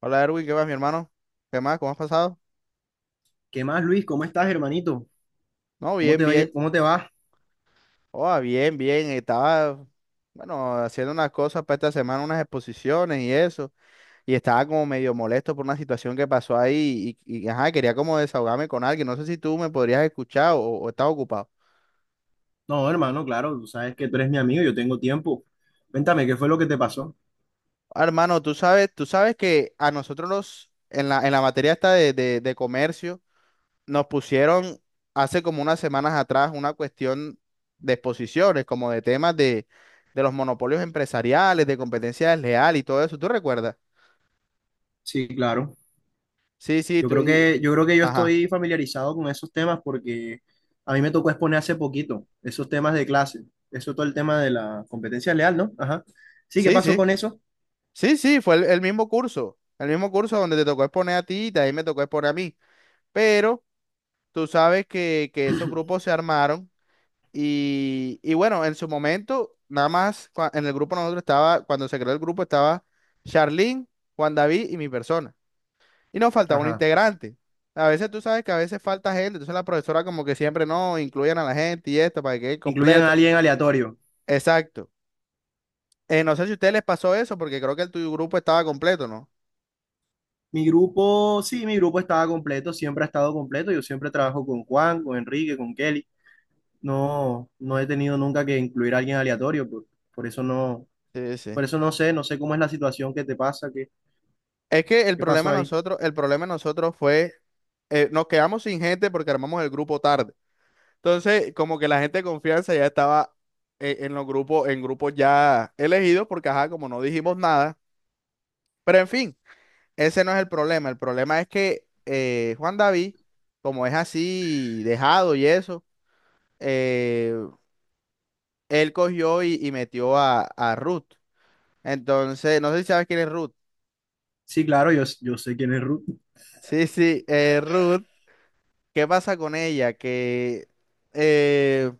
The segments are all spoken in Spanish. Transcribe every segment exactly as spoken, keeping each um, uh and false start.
Hola Erwin, ¿qué más, mi hermano? ¿Qué más? ¿Cómo has pasado? ¿Qué más, Luis? ¿Cómo estás, hermanito? No, ¿Cómo bien, te va? bien. ¿Cómo te va? Oh, bien, bien. Estaba, bueno, haciendo unas cosas para esta semana, unas exposiciones y eso. Y estaba como medio molesto por una situación que pasó ahí y, y, ajá, quería como desahogarme con alguien. No sé si tú me podrías escuchar o, o estás ocupado. No, hermano, claro, tú sabes que tú eres mi amigo, yo tengo tiempo. Cuéntame, ¿qué fue lo que te pasó? Ah, hermano, tú sabes, tú sabes que a nosotros los, en la, en la materia esta de, de de comercio. Nos pusieron hace como unas semanas atrás una cuestión de exposiciones, como de temas de, de los monopolios empresariales, de competencia desleal y todo eso. ¿Tú recuerdas? Sí, claro. Sí, sí, Yo tú creo y... que, yo creo que yo Ajá. estoy familiarizado con esos temas porque a mí me tocó exponer hace poquito esos temas de clase. Eso es todo el tema de la competencia leal, ¿no? Ajá. Sí, ¿qué Sí, pasó sí. con eso? Sí, sí, fue el, el mismo curso. El mismo curso donde te tocó exponer a ti y también me tocó exponer a mí. Pero tú sabes que, que esos grupos se armaron y, y bueno, en su momento, nada más cua- en el grupo nosotros estaba, cuando se creó el grupo estaba Charlene, Juan David y mi persona. Y nos faltaba un Ajá. integrante. A veces tú sabes que a veces falta gente, entonces la profesora como que siempre no, incluyen a la gente y esto para que quede Incluyan a completo. alguien aleatorio. Exacto. Eh, no sé si a ustedes les pasó eso, porque creo que el tuyo grupo estaba completo, ¿no? Mi grupo, sí, mi grupo estaba completo, siempre ha estado completo. Yo siempre trabajo con Juan, con Enrique, con Kelly. No, no he tenido nunca que incluir a alguien aleatorio, por, por eso no, Sí, sí. por eso no sé, no sé cómo es la situación que te pasa, qué, Es que el qué problema pasó de ahí. nosotros, el problema de nosotros fue, eh, nos quedamos sin gente porque armamos el grupo tarde. Entonces, como que la gente de confianza ya estaba, eh, en los grupos, en grupos ya elegidos, porque ajá, como no dijimos nada. Pero en fin. Ese no es el problema. El problema es que, eh, Juan David, como es así dejado y eso, eh, él cogió y, y metió a, a Ruth. Entonces, no sé si sabes quién es Ruth. Sí, claro, yo, yo sé quién es Ruth. Sí, sí, eh, Ruth. ¿Qué pasa con ella? Que, eh,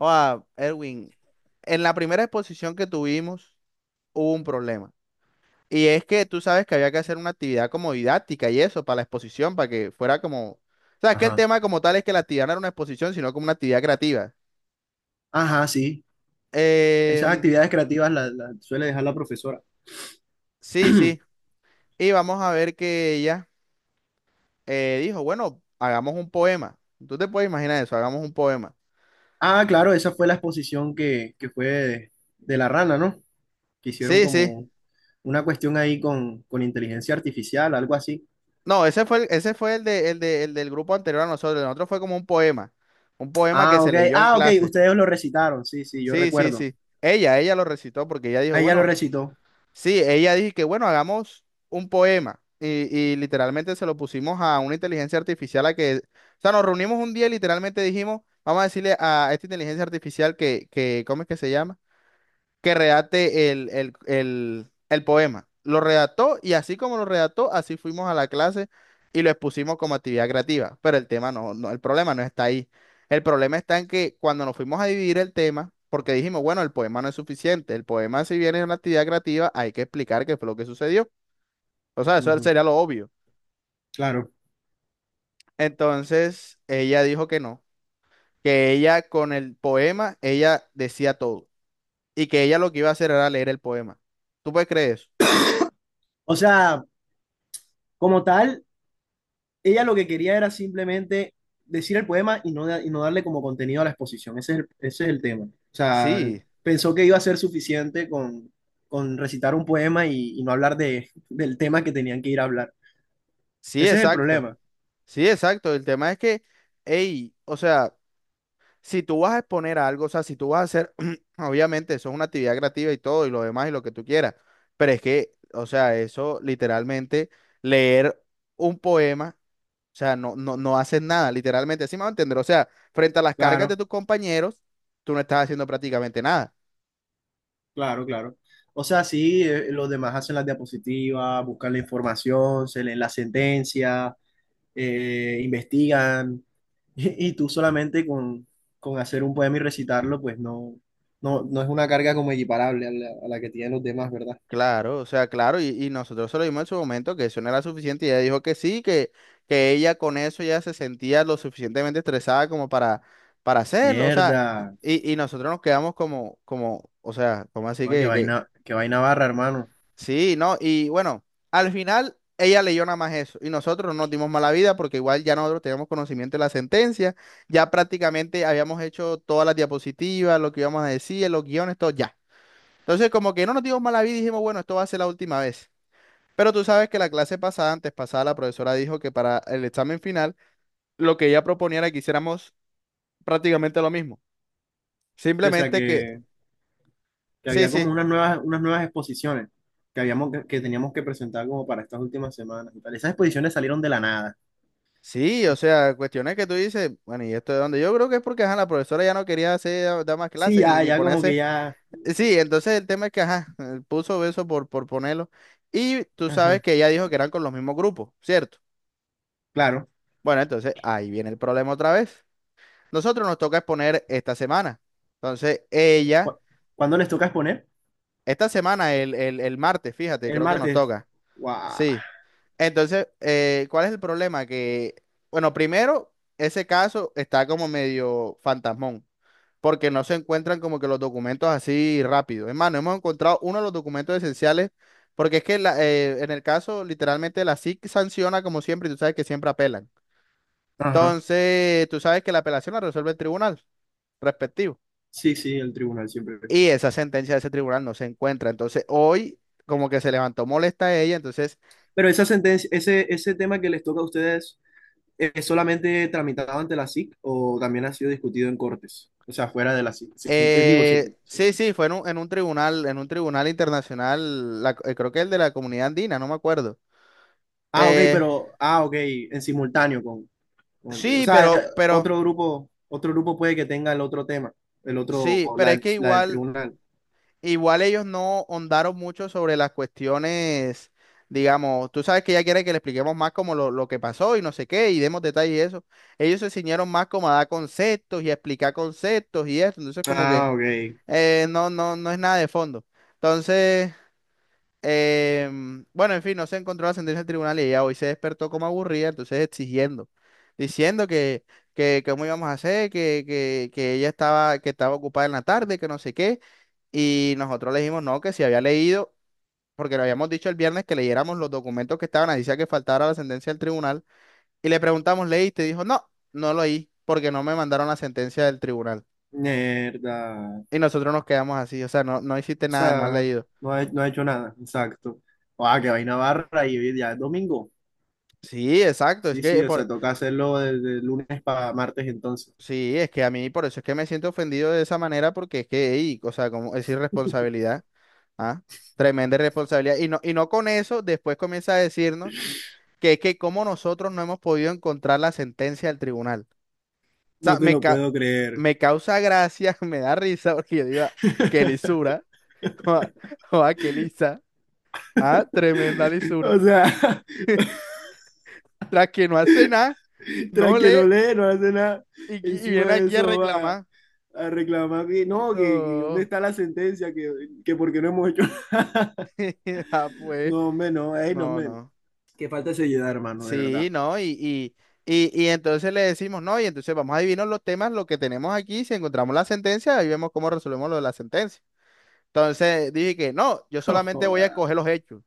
ah, Erwin, en la primera exposición que tuvimos hubo un problema. Y es que tú sabes que había que hacer una actividad como didáctica y eso, para la exposición, para que fuera como, o sea, es que el Ajá. tema como tal es que la actividad no era una exposición, sino como una actividad creativa. Ajá, sí. Esas Em, actividades creativas las las suele dejar la profesora. sí, sí. Y vamos a ver que ella, eh, dijo, bueno, hagamos un poema. Tú te puedes imaginar eso, hagamos un poema. Ah, claro, esa fue la exposición que, que fue de, de la rana, ¿no? Que hicieron Sí, sí. como una cuestión ahí con, con inteligencia artificial, algo así. No, ese fue el, ese fue el, de, el, de- el del grupo anterior a nosotros. El otro fue como un poema. Un poema que Ah, se ok. leyó en Ah, ok, clase. ustedes lo recitaron. Sí, sí, yo Sí, sí, recuerdo. sí. Ella, ella lo recitó porque ella dijo, Ella lo bueno. recitó. Sí, ella dijo que bueno, hagamos un poema y, y literalmente se lo pusimos a una inteligencia artificial a que, o sea, nos reunimos un día y literalmente dijimos, vamos a decirle a esta inteligencia artificial que, que ¿cómo es que se llama? Que redacte el, el, el, el poema. Lo redactó y así como lo redactó, así fuimos a la clase y lo expusimos como actividad creativa. Pero el tema no, no, el problema no está ahí. El problema está en que cuando nos fuimos a dividir el tema, porque dijimos, bueno, el poema no es suficiente. El poema, si bien es una actividad creativa, hay que explicar qué fue lo que sucedió. O sea, eso Ujú, sería lo obvio. claro. Entonces, ella dijo que no, que ella con el poema, ella decía todo y que ella lo que iba a hacer era leer el poema. ¿Tú puedes creer eso? O sea, como tal, ella lo que quería era simplemente decir el poema y no, da- y no darle como contenido a la exposición. Ese es el, ese es el tema. O sea, Sí, pensó que iba a ser suficiente con, con recitar un poema y, y no hablar de, del tema que tenían que ir a hablar. sí, Ese es el exacto. problema. Sí, exacto. El tema es que, hey, o sea, si tú vas a exponer algo, o sea, si tú vas a hacer, obviamente, eso es una actividad creativa y todo, y lo demás, y lo que tú quieras. Pero es que, o sea, eso literalmente, leer un poema, o sea, no, no, no haces nada, literalmente, así me va a entender. O sea, frente a las cargas de Claro, tus compañeros, tú no estás haciendo prácticamente nada. claro, claro. O sea, sí, eh, los demás hacen las diapositivas, buscan la información, se leen la sentencia, eh, investigan, y, y tú solamente con, con hacer un poema y recitarlo, pues no, no, no es una carga como equiparable a la, a la que tienen los demás, ¿verdad? Claro, o sea, claro, y, y nosotros se lo dimos en su momento que eso no era suficiente y ella dijo que sí, que, que ella con eso ya se sentía lo suficientemente estresada como para, para hacerlo, o sea, Mierda. y, y nosotros nos quedamos como, como, o sea, como así Ah, qué que, que, vaina, qué vaina barra, hermano. sí, no, y bueno, al final ella leyó nada más eso y nosotros no nos dimos mala vida porque igual ya nosotros teníamos conocimiento de la sentencia, ya prácticamente habíamos hecho todas las diapositivas, lo que íbamos a decir, los guiones, todo ya. Entonces como que no nos dimos mala vida y dijimos, bueno, esto va a ser la última vez. Pero tú sabes que la clase pasada, antes pasada, la profesora dijo que para el examen final, lo que ella proponía era que hiciéramos prácticamente lo mismo. Sí, o sea Simplemente que, que, que sí, había como sí, unas nuevas, unas nuevas exposiciones que habíamos que, que teníamos que presentar como para estas últimas semanas y tal. Esas exposiciones salieron de la nada. sí, o sea, cuestiones que tú dices, bueno, ¿y esto de dónde? Yo creo que es porque, ajá, la profesora ya no quería hacer, dar más Sí, clases ni, ya, ni ya como que ponerse. ya. Sí, entonces el tema es que, ajá, eh, puso eso por, por ponerlo. Y tú sabes Ajá. que ella dijo que eran con los mismos grupos, ¿cierto? Claro. Bueno, entonces ahí viene el problema otra vez. Nosotros nos toca exponer esta semana. Entonces, ella Cu- ¿Cuándo les toca exponer? esta semana, el, el- el martes, fíjate, El creo que nos martes. toca. Guau. Sí. Entonces, eh, ¿cuál es el problema? Que, bueno, primero, ese caso está como medio fantasmón, porque no se encuentran como que los documentos así rápido. Es más, no hemos encontrado uno de los documentos esenciales, porque es que la- eh, en el caso, literalmente, la SIC sanciona como siempre, y tú sabes que siempre apelan. Ajá. Entonces, tú sabes que la apelación la resuelve el tribunal respectivo Sí, sí, el tribunal siempre. y esa sentencia de ese tribunal no se encuentra. Entonces, hoy como que se levantó molesta a ella, entonces, Pero esa sentencia, ese, ese tema que les toca a ustedes, ¿es solamente tramitado ante la S I C o también ha sido discutido en cortes? O sea, fuera de la S I C. Sí, eh, digo, sí. Eh, pues, sí. sí, sí, fue en un, en un tribunal, en un tribunal internacional, la- eh, creo que el de la Comunidad Andina, no me acuerdo. Ah, ok, Eh, pero, ah, ok, en simultáneo con, con el que- O sí, sea, eh, pero, pero, otro grupo, otro grupo puede que tenga el otro tema, el otro, sí, la, pero es del- que la del igual, tribunal. igual ellos no hondaron mucho sobre las cuestiones, digamos, tú sabes que ella quiere que le expliquemos más como lo, lo que pasó y no sé qué, y demos detalles y eso. Ellos se ciñeron más como a dar conceptos y a explicar conceptos y eso, entonces como que. Ah, ok. Eh, no, no, no es nada de fondo. Entonces, em, bueno, en fin, no se encontró la sentencia del tribunal y ella hoy se despertó como aburrida, entonces exigiendo, diciendo que, que, que cómo íbamos a hacer, que, que, que ella estaba, que estaba ocupada en la tarde, que no sé qué. Y nosotros le dijimos no, que si había leído, porque le habíamos dicho el viernes que leyéramos los documentos que estaban, ahí decía que faltara la sentencia del tribunal. Y le preguntamos, ¿leíste? Y dijo, no, no lo leí, porque no me mandaron la sentencia del tribunal. Mierda. Y nosotros nos quedamos así, o sea, no, no hiciste O nada, no has sea, leído. no ha, no ha hecho nada, exacto. Ah, que vaina barra y hoy día es domingo. Sí, exacto. Es Sí, que sí, o por sea, toca hacerlo desde lunes para martes entonces. sí, es que a mí por eso es que me siento ofendido de esa manera, porque es que, ey, o sea, como es irresponsabilidad, ¿ah? Tremenda irresponsabilidad. Y no, y no con eso, después comienza a decirnos que es que como nosotros no hemos podido encontrar la sentencia del tribunal. O sea, No te me, lo ca- puedo creer. me causa gracia, me da risa, porque yo digo, "Ah, qué lisura, o a qué lisa, ah, tremenda lisura." O sea, La que no hace nada, tras no que lee no lee, no hace nada. y, qui- y Encima viene de aquí a eso va reclamar. a reclamar que no, que, que dónde No. está la sentencia, que, que por qué no hemos hecho. Ah, pues, No, hombre, no, ey, no, no, hombre. no. Qué falta de seriedad, hermano, de verdad. Sí, no, y, y, y, y entonces le decimos, no, y entonces vamos a adivinar los temas, lo que tenemos aquí, si encontramos la sentencia, ahí vemos cómo resolvemos lo de la sentencia. Entonces dije que no, yo solamente voy a Joda. coger los hechos.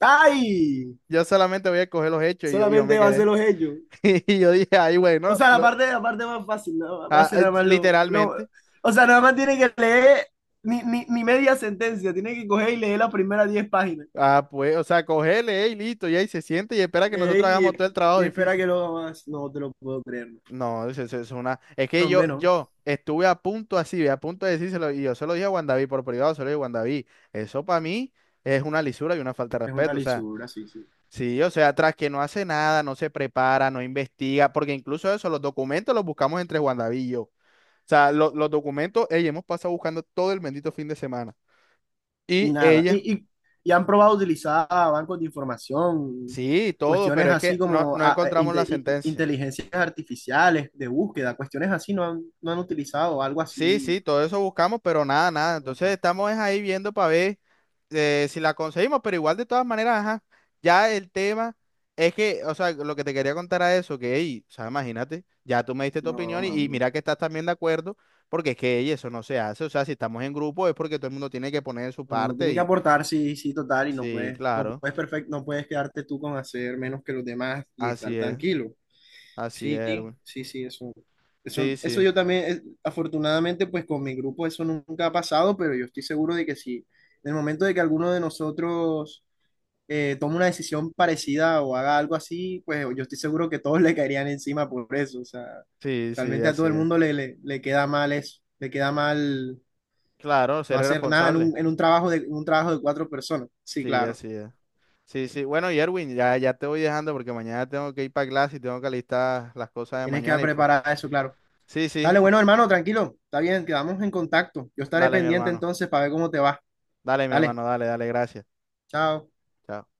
¡Ay! Yo solamente voy a coger los hechos y yo, y yo me Solamente va a ser quedé. los hechos. Y yo dije, ay, O bueno, sea, la ¿no? parte, la parte más fácil, ¿no? Va a Ah, ser eh, nada más lo, lo- literalmente. O sea, nada más tiene que leer ni, ni, ni media sentencia, tiene que coger y leer las primeras diez páginas. Ah, pues, o sea, cogele, eh, y listo, y ahí se siente y espera que nosotros hagamos Ey, todo el trabajo y espera difícil. que lo haga más. No te lo puedo creer. No, eso, eso es una. Es No, que yo, hombre, no. yo estuve a punto así, a punto de decírselo, y yo se lo dije a Juan David por privado, se lo dije a Juan David. Eso para mí es una lisura y una falta de Es una respeto. O sea, lisura, sí, sí. sí, o sea, tras que no hace nada, no se prepara, no investiga, porque incluso eso, los documentos los buscamos entre Juan David y yo. O sea, lo- los documentos, ella hemos pasado buscando todo el bendito fin de semana. Y Y nada. ella, Y, y, y han probado utilizar bancos de información, sí, todo, cuestiones pero es que así no, como no ah, eh, encontramos la inte- in- sentencia. inteligencias artificiales de búsqueda, cuestiones así no han, no han utilizado, algo Sí, así. sí, todo eso buscamos, pero nada, nada. Entonces Ajá. estamos es ahí viendo para ver, eh, si la conseguimos, pero igual de todas maneras, ajá, ya el tema es que, o sea, lo que te quería contar a eso, que, ey, o sea, imagínate, ya tú me diste tu No, opinión y, y mami. mira que estás también de acuerdo, porque es que, ey, eso no se hace, o sea, si estamos en grupo es porque todo el mundo tiene que poner su Uno parte tiene que y, aportar, sí, sí, total, y no sí, puedes, no claro, puedes perfect, no puedes quedarte tú con hacer menos que los demás y así estar es, tranquilo. así es, Sí, Erwin. sí, sí, eso, eso, Sí, eso sí, yo también, eh, afortunadamente, pues con mi grupo eso nunca ha pasado, pero yo estoy seguro de que si en el momento de que alguno de nosotros eh, tome una decisión parecida o haga algo así, pues yo estoy seguro que todos le caerían encima por eso, o sea, sí, sí, realmente a todo así el es. mundo le, le, le queda mal eso, le queda mal Claro, no ser hacer nada en responsable, un, en un trabajo de, en un trabajo de cuatro personas, sí, sí, claro, así es. Sí, sí. Bueno, y Erwin, ya, ya te voy dejando porque mañana tengo que ir para clase y tengo que alistar las cosas de tienes que mañana y pues. preparar eso, claro. Sí, sí. Dale, bueno, hermano, tranquilo. Está bien, quedamos en contacto. Yo estaré Dale, mi pendiente hermano. entonces para ver cómo te va. Dale, mi Dale, hermano. Dale, dale. Gracias. chao. Chao.